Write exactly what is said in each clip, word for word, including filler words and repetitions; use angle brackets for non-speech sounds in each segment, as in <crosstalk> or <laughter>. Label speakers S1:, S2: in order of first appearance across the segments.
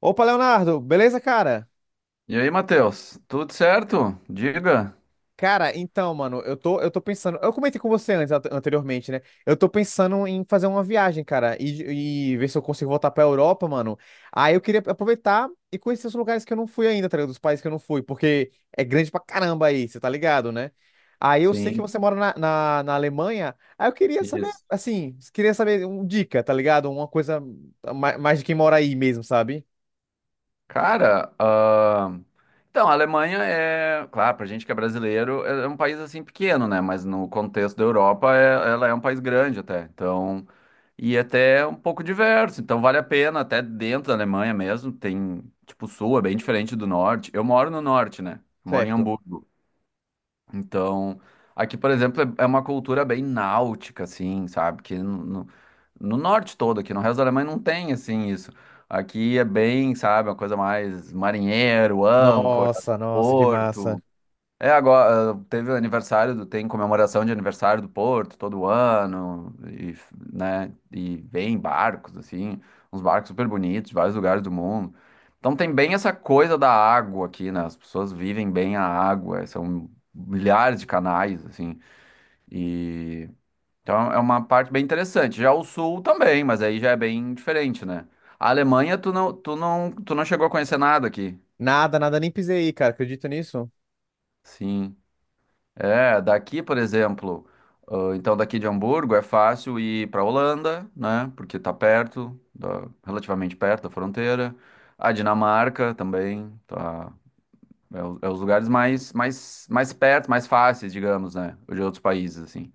S1: Opa, Leonardo, beleza, cara?
S2: E aí, Matheus, tudo certo? Diga.
S1: Cara, então, mano, eu tô, eu tô pensando. Eu comentei com você antes, ante- anteriormente, né? Eu tô pensando em fazer uma viagem, cara, e, e ver se eu consigo voltar pra Europa, mano. Aí eu queria aproveitar e conhecer os lugares que eu não fui ainda, tá ligado? Dos países que eu não fui, porque é grande pra caramba aí, você tá ligado, né? Aí eu sei que
S2: Sim.
S1: você mora na, na, na Alemanha, aí eu queria saber,
S2: Isso.
S1: assim, queria saber uma dica, tá ligado? Uma coisa ma- mais de quem mora aí mesmo, sabe?
S2: Cara, ahn, então, a Alemanha é, claro, pra gente que é brasileiro, é é um país assim pequeno, né? Mas no contexto da Europa, é- ela é um país grande até. Então, e é até um pouco diverso. Então, vale a pena, até dentro da Alemanha mesmo, tem, tipo, o sul é bem diferente do norte. Eu moro no norte, né? Eu moro em
S1: Certo.
S2: Hamburgo. Então, aqui, por exemplo, é é uma cultura bem náutica, assim, sabe? Que no, no- No norte todo aqui, no resto da Alemanha não tem, assim, isso. Aqui é bem, sabe, uma coisa mais marinheiro, âncora,
S1: Nossa, nossa, que massa.
S2: porto. É, agora ah, teve o aniversário do, tem comemoração de aniversário do Porto todo ano, e, f- né, e vem barcos, assim, uns barcos super bonitos de vários lugares do mundo. Então tem bem essa coisa da água aqui, né? As pessoas vivem bem a água, são milhares de canais, assim, e então é uma parte bem interessante. Já o sul também, mas aí já é bem diferente, né? A Alemanha, tu não, tu não, tu não chegou a conhecer nada aqui.
S1: Nada, nada, nem pisei aí, cara. Acredita nisso?
S2: Sim. É, daqui, por exemplo, ah, então daqui de Hamburgo é fácil ir para Holanda, né? Porque tá perto, da- relativamente perto da fronteira. A Dinamarca também, tá, é, o- é os lugares mais, mais, mais perto, mais fáceis, digamos, né? De outros países, assim.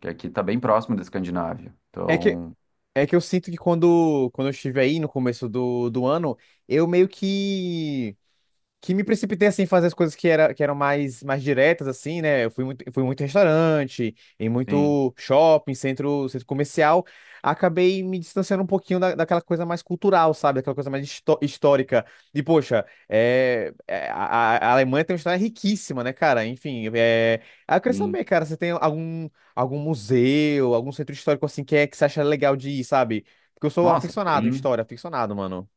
S2: Que aqui tá bem próximo da Escandinávia.
S1: É que,
S2: Então,
S1: é que eu sinto que quando, quando eu estive aí no começo do, do ano, eu meio que que me precipitei assim em fazer as coisas que, era, que eram mais, mais diretas assim, né? Eu fui muito, fui muito em restaurante, em
S2: sim,
S1: muito shopping, centro, centro comercial, acabei me distanciando um pouquinho da, daquela coisa mais cultural, sabe? Daquela coisa mais histó- histórica. E poxa, é, é, a, a Alemanha tem uma história riquíssima, né, cara? Enfim, é, aí eu queria
S2: sim.
S1: saber, cara, você tem algum algum museu, algum centro histórico assim que é que você acha legal de ir, sabe? Porque eu sou
S2: Nossa,
S1: aficionado em
S2: tem.
S1: história, aficionado, mano.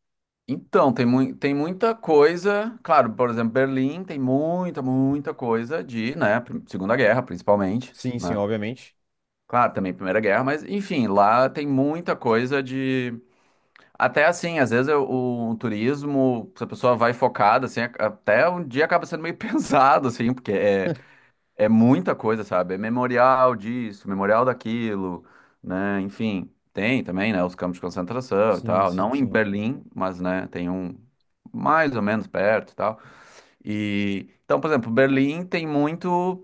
S2: Então, tem, mui- tem muita coisa. Claro, por exemplo, Berlim tem muita, muita coisa de, né? prim- Segunda Guerra, principalmente,
S1: Sim, sim,
S2: né?
S1: obviamente.
S2: Claro, também Primeira Guerra, mas enfim, lá tem muita coisa de. Até assim, às vezes eu- o, turismo, se a pessoa vai focada, assim, a- até um dia acaba sendo meio <laughs> pesado, assim, porque é, é muita coisa, sabe? É memorial disso, memorial daquilo, né? Enfim, tem também, né? Os campos de concentração e
S1: Sim,
S2: tal.
S1: sim,
S2: Não em
S1: sim.
S2: Berlim, mas, né, tem um mais ou menos perto e tal. E, então, por exemplo, Berlim tem muito.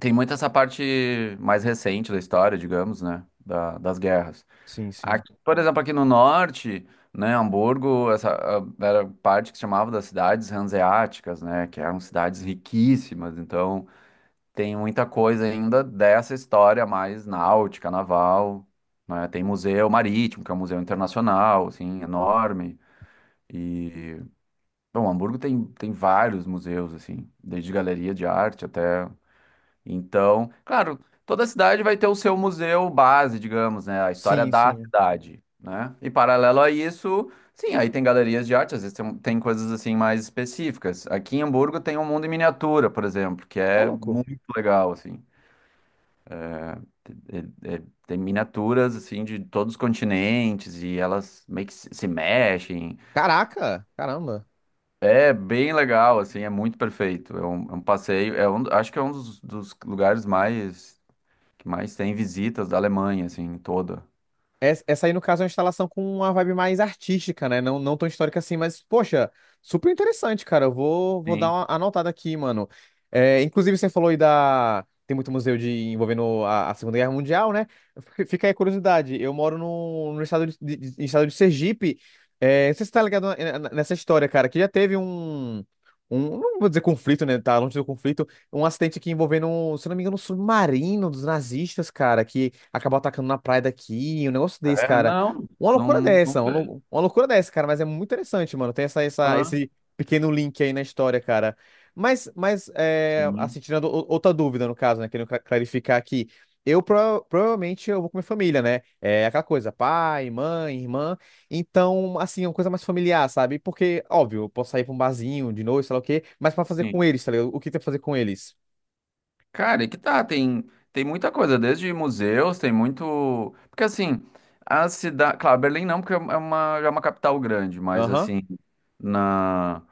S2: Tem muito essa parte mais recente da história, digamos, né? da- das guerras.
S1: Sim, sim.
S2: Aqui, por exemplo, aqui no norte, né, Hamburgo, essa ah, era parte que se chamava das cidades hanseáticas, né, que eram cidades riquíssimas. Então, tem muita coisa ainda dessa história mais náutica, naval, né? Tem museu marítimo, que é um museu internacional, assim, enorme. E, bom, Hamburgo tem, tem vários museus, assim, desde galeria de arte até então, claro, toda cidade vai ter o seu museu base, digamos, né? A história
S1: Sim,
S2: da
S1: sim.
S2: cidade, né? E paralelo a isso, sim, aí tem galerias de arte, às vezes tem, um, tem coisas assim mais específicas. Aqui em Hamburgo tem um mundo em miniatura, por exemplo, que
S1: Ô,
S2: é
S1: louco.
S2: muito legal, assim. É- é- Tem miniaturas, assim, de todos os continentes e elas meio que se se mexem.
S1: Caraca, caramba.
S2: É bem legal, assim, é muito perfeito. É um, é um passeio, é um, acho que é um dos dos lugares mais que mais tem visitas da Alemanha, assim, toda.
S1: Es- Essa aí, no caso, é uma instalação com uma vibe mais artística, né? Não, não tão histórica assim, mas, poxa, super interessante, cara. Eu vou, vou dar
S2: Sim.
S1: uma anotada aqui, mano. É, inclusive, você falou aí da. Tem muito museu de envolvendo a, a Segunda Guerra Mundial, né? F- Fica aí a curiosidade. Eu moro no, no estado de, de- de- estado de Sergipe. É, não sei se você tá ligado na- na- nessa história, cara, que já teve um. Um, não vou dizer conflito, né? Tá longe do conflito, um acidente aqui envolvendo, um, se não me engano, um submarino dos nazistas, cara, que acabou atacando na praia daqui, um negócio desse,
S2: É,
S1: cara.
S2: não,
S1: Uma loucura
S2: não, não
S1: dessa, uma,
S2: sei.
S1: lou- uma loucura dessa, cara, mas é muito interessante, mano. Tem essa, essa,
S2: Ah,
S1: esse pequeno link aí na história, cara. Mas, mas é,
S2: sim,
S1: assim, tirando o- outra dúvida, no caso, né, querendo cla- clarificar aqui. Eu prova- provavelmente eu vou com minha família, né? É aquela coisa, pai, mãe, irmã. Então, assim, é uma coisa mais familiar, sabe? Porque, óbvio, eu posso sair pra um barzinho de noite, sei lá o quê, mas pra fazer com
S2: sim.
S1: eles, tá ligado? O que tem pra fazer com eles?
S2: Cara, e que tá, tem, tem muita coisa, desde museus, tem muito. Porque assim, a cidade. Claro, Berlim não, porque é uma, já é uma capital grande, mas
S1: Aham.
S2: assim, na.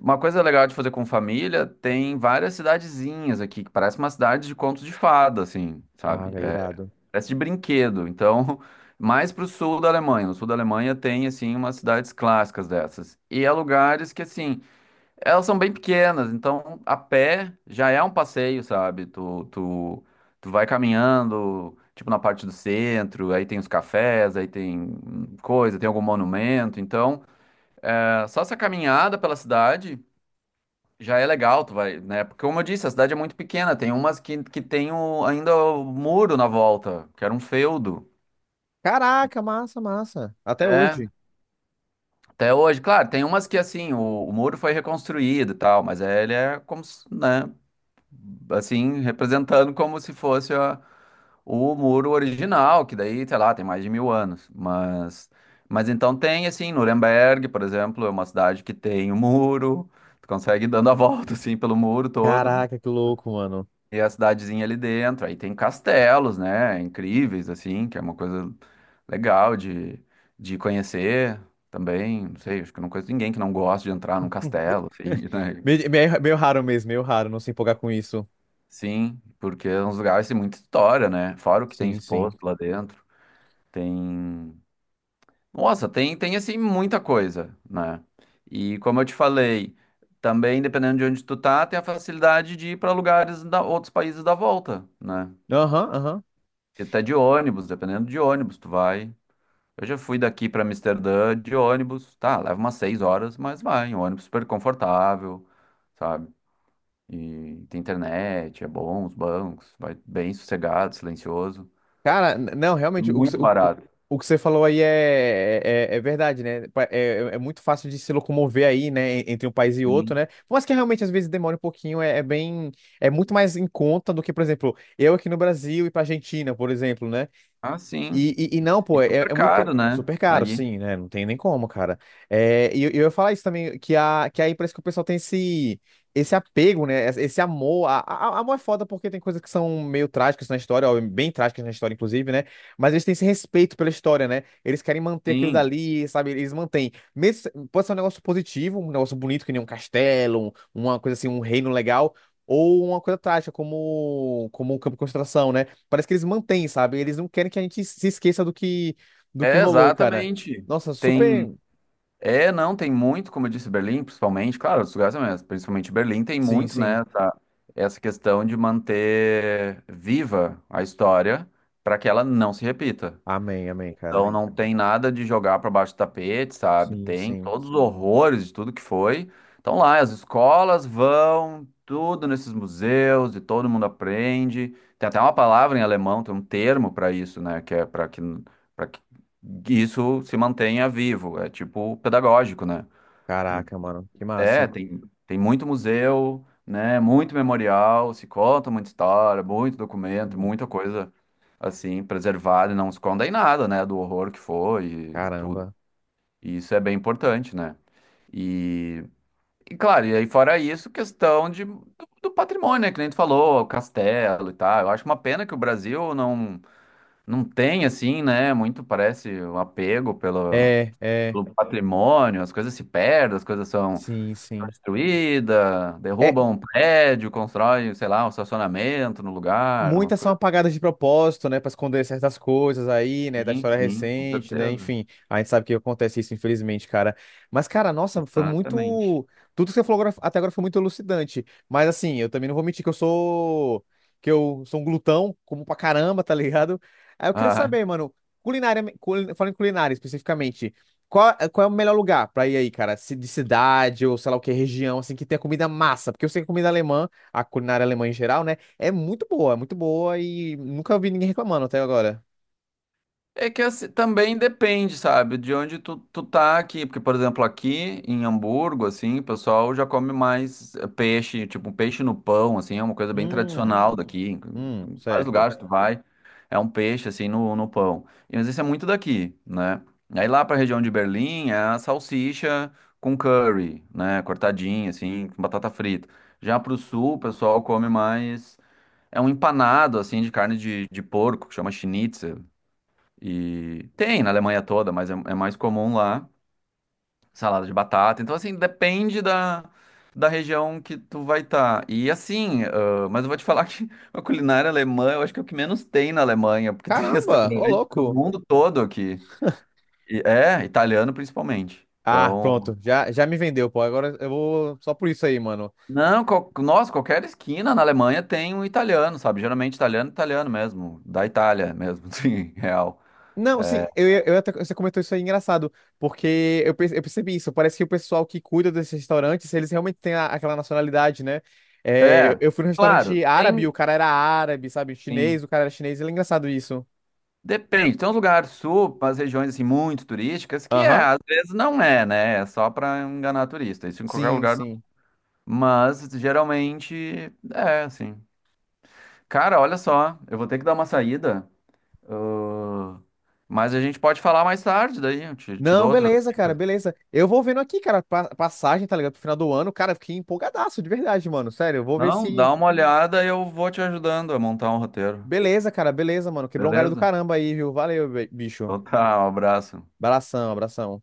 S2: Uma coisa legal de fazer com família, tem várias cidadezinhas aqui, que parece uma cidade de contos de fada, assim,
S1: Ah,
S2: sabe?
S1: velho, irado.
S2: Parece de brinquedo. Então, <laughs> mais para o sul da Alemanha. No sul da Alemanha tem, assim, umas cidades clássicas dessas. E há lugares que, assim, elas são bem pequenas. Então, a pé já é um passeio, sabe? Tu, tu, tu vai caminhando, tipo, na parte do centro. Aí tem os cafés, aí tem hum, coisa, tem algum monumento. Então, é, só essa caminhada pela cidade... Já é legal, tu vai, né? Porque, como eu disse, a cidade é muito pequena. Tem umas que, que tem o, ainda o muro na volta, que era um feudo.
S1: Caraca, massa, massa. Até
S2: É,
S1: hoje.
S2: até hoje, claro, tem umas que assim, o, o muro foi reconstruído e tal, mas ele é como, se, né, assim, representando como se fosse a- o muro original, que daí, sei lá, tem mais de mil anos. Mas, mas então tem, assim, Nuremberg, por exemplo, é uma cidade que tem o muro, tu consegue ir dando a <laughs> volta, assim, pelo muro todo.
S1: Caraca, que louco, mano.
S2: E a cidadezinha ali dentro. Aí tem castelos, né? Incríveis, assim, que é uma coisa legal de, de conhecer também. Não sei, acho que eu não conheço ninguém que não gosta de entrar num castelo, assim,
S1: <laughs>
S2: <laughs> né?
S1: Meio, meio meio raro mesmo, meio raro não se empolgar com isso.
S2: Sim, porque é uns lugares que tem muita história, né? Fora o que tem
S1: Sim, sim.
S2: exposto lá dentro. Tem. Nossa, tem, tem assim, muita coisa, né? E como eu te falei, também dependendo de onde tu tá, tem a facilidade de ir para lugares da outros países da volta, né?
S1: Aham, aham.
S2: Porque tá de ônibus, dependendo de ônibus, tu vai. Eu já fui daqui pra Amsterdã de ônibus, tá, leva umas seis horas, mas vai, um ônibus super confortável, sabe? E tem internet, é bom, os bancos, vai bem sossegado, silencioso.
S1: Cara, n- não,
S2: É
S1: realmente, o, que cê-
S2: muito
S1: o, o
S2: barato.
S1: o que você falou aí é, é, é é verdade, né? Pa- É, é é muito fácil de se locomover aí, né, en- entre um país e outro,
S2: Sim.
S1: né? Mas que realmente às vezes demora um pouquinho, é, é bem, é muito mais em conta do que, por exemplo, eu aqui no Brasil e pra Argentina, por exemplo, né?
S2: Ah, sim.
S1: E, e, e não,
S2: E
S1: pô, é,
S2: super
S1: é
S2: caro,
S1: muito
S2: né?
S1: super caro,
S2: Aí,
S1: sim, né? Não tem nem como, cara. É, e eu, eu ia falar isso também, que, a, que aí parece que o pessoal tem esse, esse apego, né? Esse esse amor. A, a- amor é foda porque tem coisas que são meio trágicas na história, ó, bem trágicas na história, inclusive, né? Mas eles têm esse respeito pela história, né? Eles querem manter aquilo
S2: sim.
S1: dali, sabe? Eles mantêm. Mesmo, se- pode ser um negócio positivo, um negócio bonito, que nem um castelo, um- uma coisa assim, um reino legal. Ou uma coisa trágica, como, como um campo de concentração, né? Parece que eles mantêm, sabe? Eles não querem que a gente se esqueça do que, do que
S2: É,
S1: rolou, cara.
S2: exatamente.
S1: Nossa,
S2: Tem.
S1: super.
S2: É, não, tem muito, como eu disse, Berlim, principalmente, claro, os lugares mesmo, principalmente Berlim tem
S1: Sim,
S2: muito,
S1: sim.
S2: né? Essa questão de manter viva a história para que ela não se repita.
S1: Amém, amém, cara.
S2: Então não tem nada de jogar para baixo do tapete, sabe?
S1: Sim,
S2: Tem
S1: sim.
S2: todos os horrores de tudo que foi. Então lá as escolas vão tudo nesses museus e todo mundo aprende. Tem até uma palavra em alemão, tem um termo para isso, né, que é para que para que isso se mantenha vivo, é tipo pedagógico, né?
S1: Caraca, mano. Que
S2: É,
S1: massa.
S2: tem, tem muito museu, né? Muito memorial, se conta muita história, muito documento,
S1: Hum,
S2: muita coisa assim preservada e não se conta em nada, né? Do horror que foi e tudo.
S1: caramba.
S2: E isso é bem importante, né? E, e claro, e aí fora isso, questão de, do, do patrimônio, né? Que nem tu falou, o castelo e tal. Eu acho uma pena que o Brasil não, não tem, assim, né? Muito parece um apego pelo,
S1: É, é.
S2: pelo patrimônio, as coisas se perdem, as coisas são
S1: Sim, sim.
S2: destruída,
S1: É.
S2: derruba um prédio, constrói, sei lá, um estacionamento no lugar, umas
S1: Muitas são
S2: coisas
S1: apagadas de propósito, né, para esconder certas coisas aí, né, da
S2: assim.
S1: história
S2: Sim, com
S1: recente, né,
S2: certeza.
S1: enfim, a gente sabe que acontece isso, infelizmente, cara. Mas, cara, nossa, foi muito.
S2: Exatamente.
S1: Tudo que você falou agora- até agora foi muito elucidante. Mas, assim, eu também não vou mentir que eu sou. Que eu sou um glutão, como pra caramba, tá ligado? Aí eu queria
S2: Ah,
S1: saber, mano, culinária, culi- falando em culinária especificamente, qual, qual é o melhor lugar pra ir aí, cara? Se- De cidade ou sei lá o que, região, assim, que tenha comida massa? Porque eu sei que comida alemã, a culinária alemã em geral, né? É muito boa, é muito boa e nunca vi ninguém reclamando até agora.
S2: é que assim, também depende, sabe, de onde tu, tu tá aqui. Porque, por exemplo, aqui em Hamburgo, assim, o pessoal já come mais eh, peixe, tipo um peixe no pão, assim, é uma coisa bem
S1: Hum,
S2: tradicional hum, daqui. Em
S1: hum,
S2: em vários
S1: certo.
S2: lugares tu vai, é um peixe, assim, no, no pão. E, mas isso é muito daqui, né? Aí lá pra região de Berlim é a salsicha com curry, né, cortadinha, assim, com batata frita. Já pro sul, o pessoal come mais. É um empanado, assim, de carne de, de porco, que chama schnitzel. E tem na Alemanha toda, mas é, é mais comum lá, salada de batata. Então, assim, depende da, da região que tu vai estar. E assim, ah, mas eu vou te falar <laughs> que a culinária alemã, eu acho que é o que menos tem na Alemanha, porque tem <laughs>
S1: Caramba, ô
S2: restaurante do
S1: louco.
S2: mundo todo aqui. E, é, italiano principalmente.
S1: Ah,
S2: Então,
S1: pronto, já, já me vendeu, pô. Agora eu vou só por isso aí, mano.
S2: não, qual, nossa, qualquer esquina na Alemanha tem um italiano, sabe? Geralmente italiano, italiano mesmo, da Itália mesmo, <laughs> sim, real.
S1: Não, sim,
S2: É,
S1: eu, ia- eu, até, você comentou isso aí engraçado, porque eu, perce- eu percebi isso. Parece que o pessoal que cuida desses restaurantes, eles realmente têm a- aquela nacionalidade, né? É, eu
S2: é,
S1: eu fui num
S2: claro,
S1: restaurante árabe, o
S2: tem.
S1: cara era árabe, sabe?
S2: Sim.
S1: Chinês, o cara era chinês, ele é engraçado isso.
S2: Depende, tem uns lugares sul, as regiões assim muito turísticas, que é,
S1: Aham,
S2: às vezes não é, né? É só pra enganar turista, isso em qualquer
S1: sim,
S2: lugar.
S1: sim.
S2: Mas geralmente é assim. Cara, olha só, eu vou ter que dar uma saída, ah, mas a gente pode falar mais tarde daí, eu te, te
S1: Não,
S2: dou outras
S1: beleza, cara,
S2: dicas.
S1: beleza. Eu vou vendo aqui, cara, pa- passagem, tá ligado? Pro final do ano, cara, eu fiquei empolgadaço, de verdade, mano. Sério, eu vou ver
S2: Não,
S1: se.
S2: dá uma olhada e eu vou te ajudando a montar um roteiro,
S1: Beleza, cara, beleza, mano. Quebrou um galho do
S2: beleza?
S1: caramba aí, viu? Valeu, be- bicho.
S2: Então tá, um abraço.
S1: Abração, abração.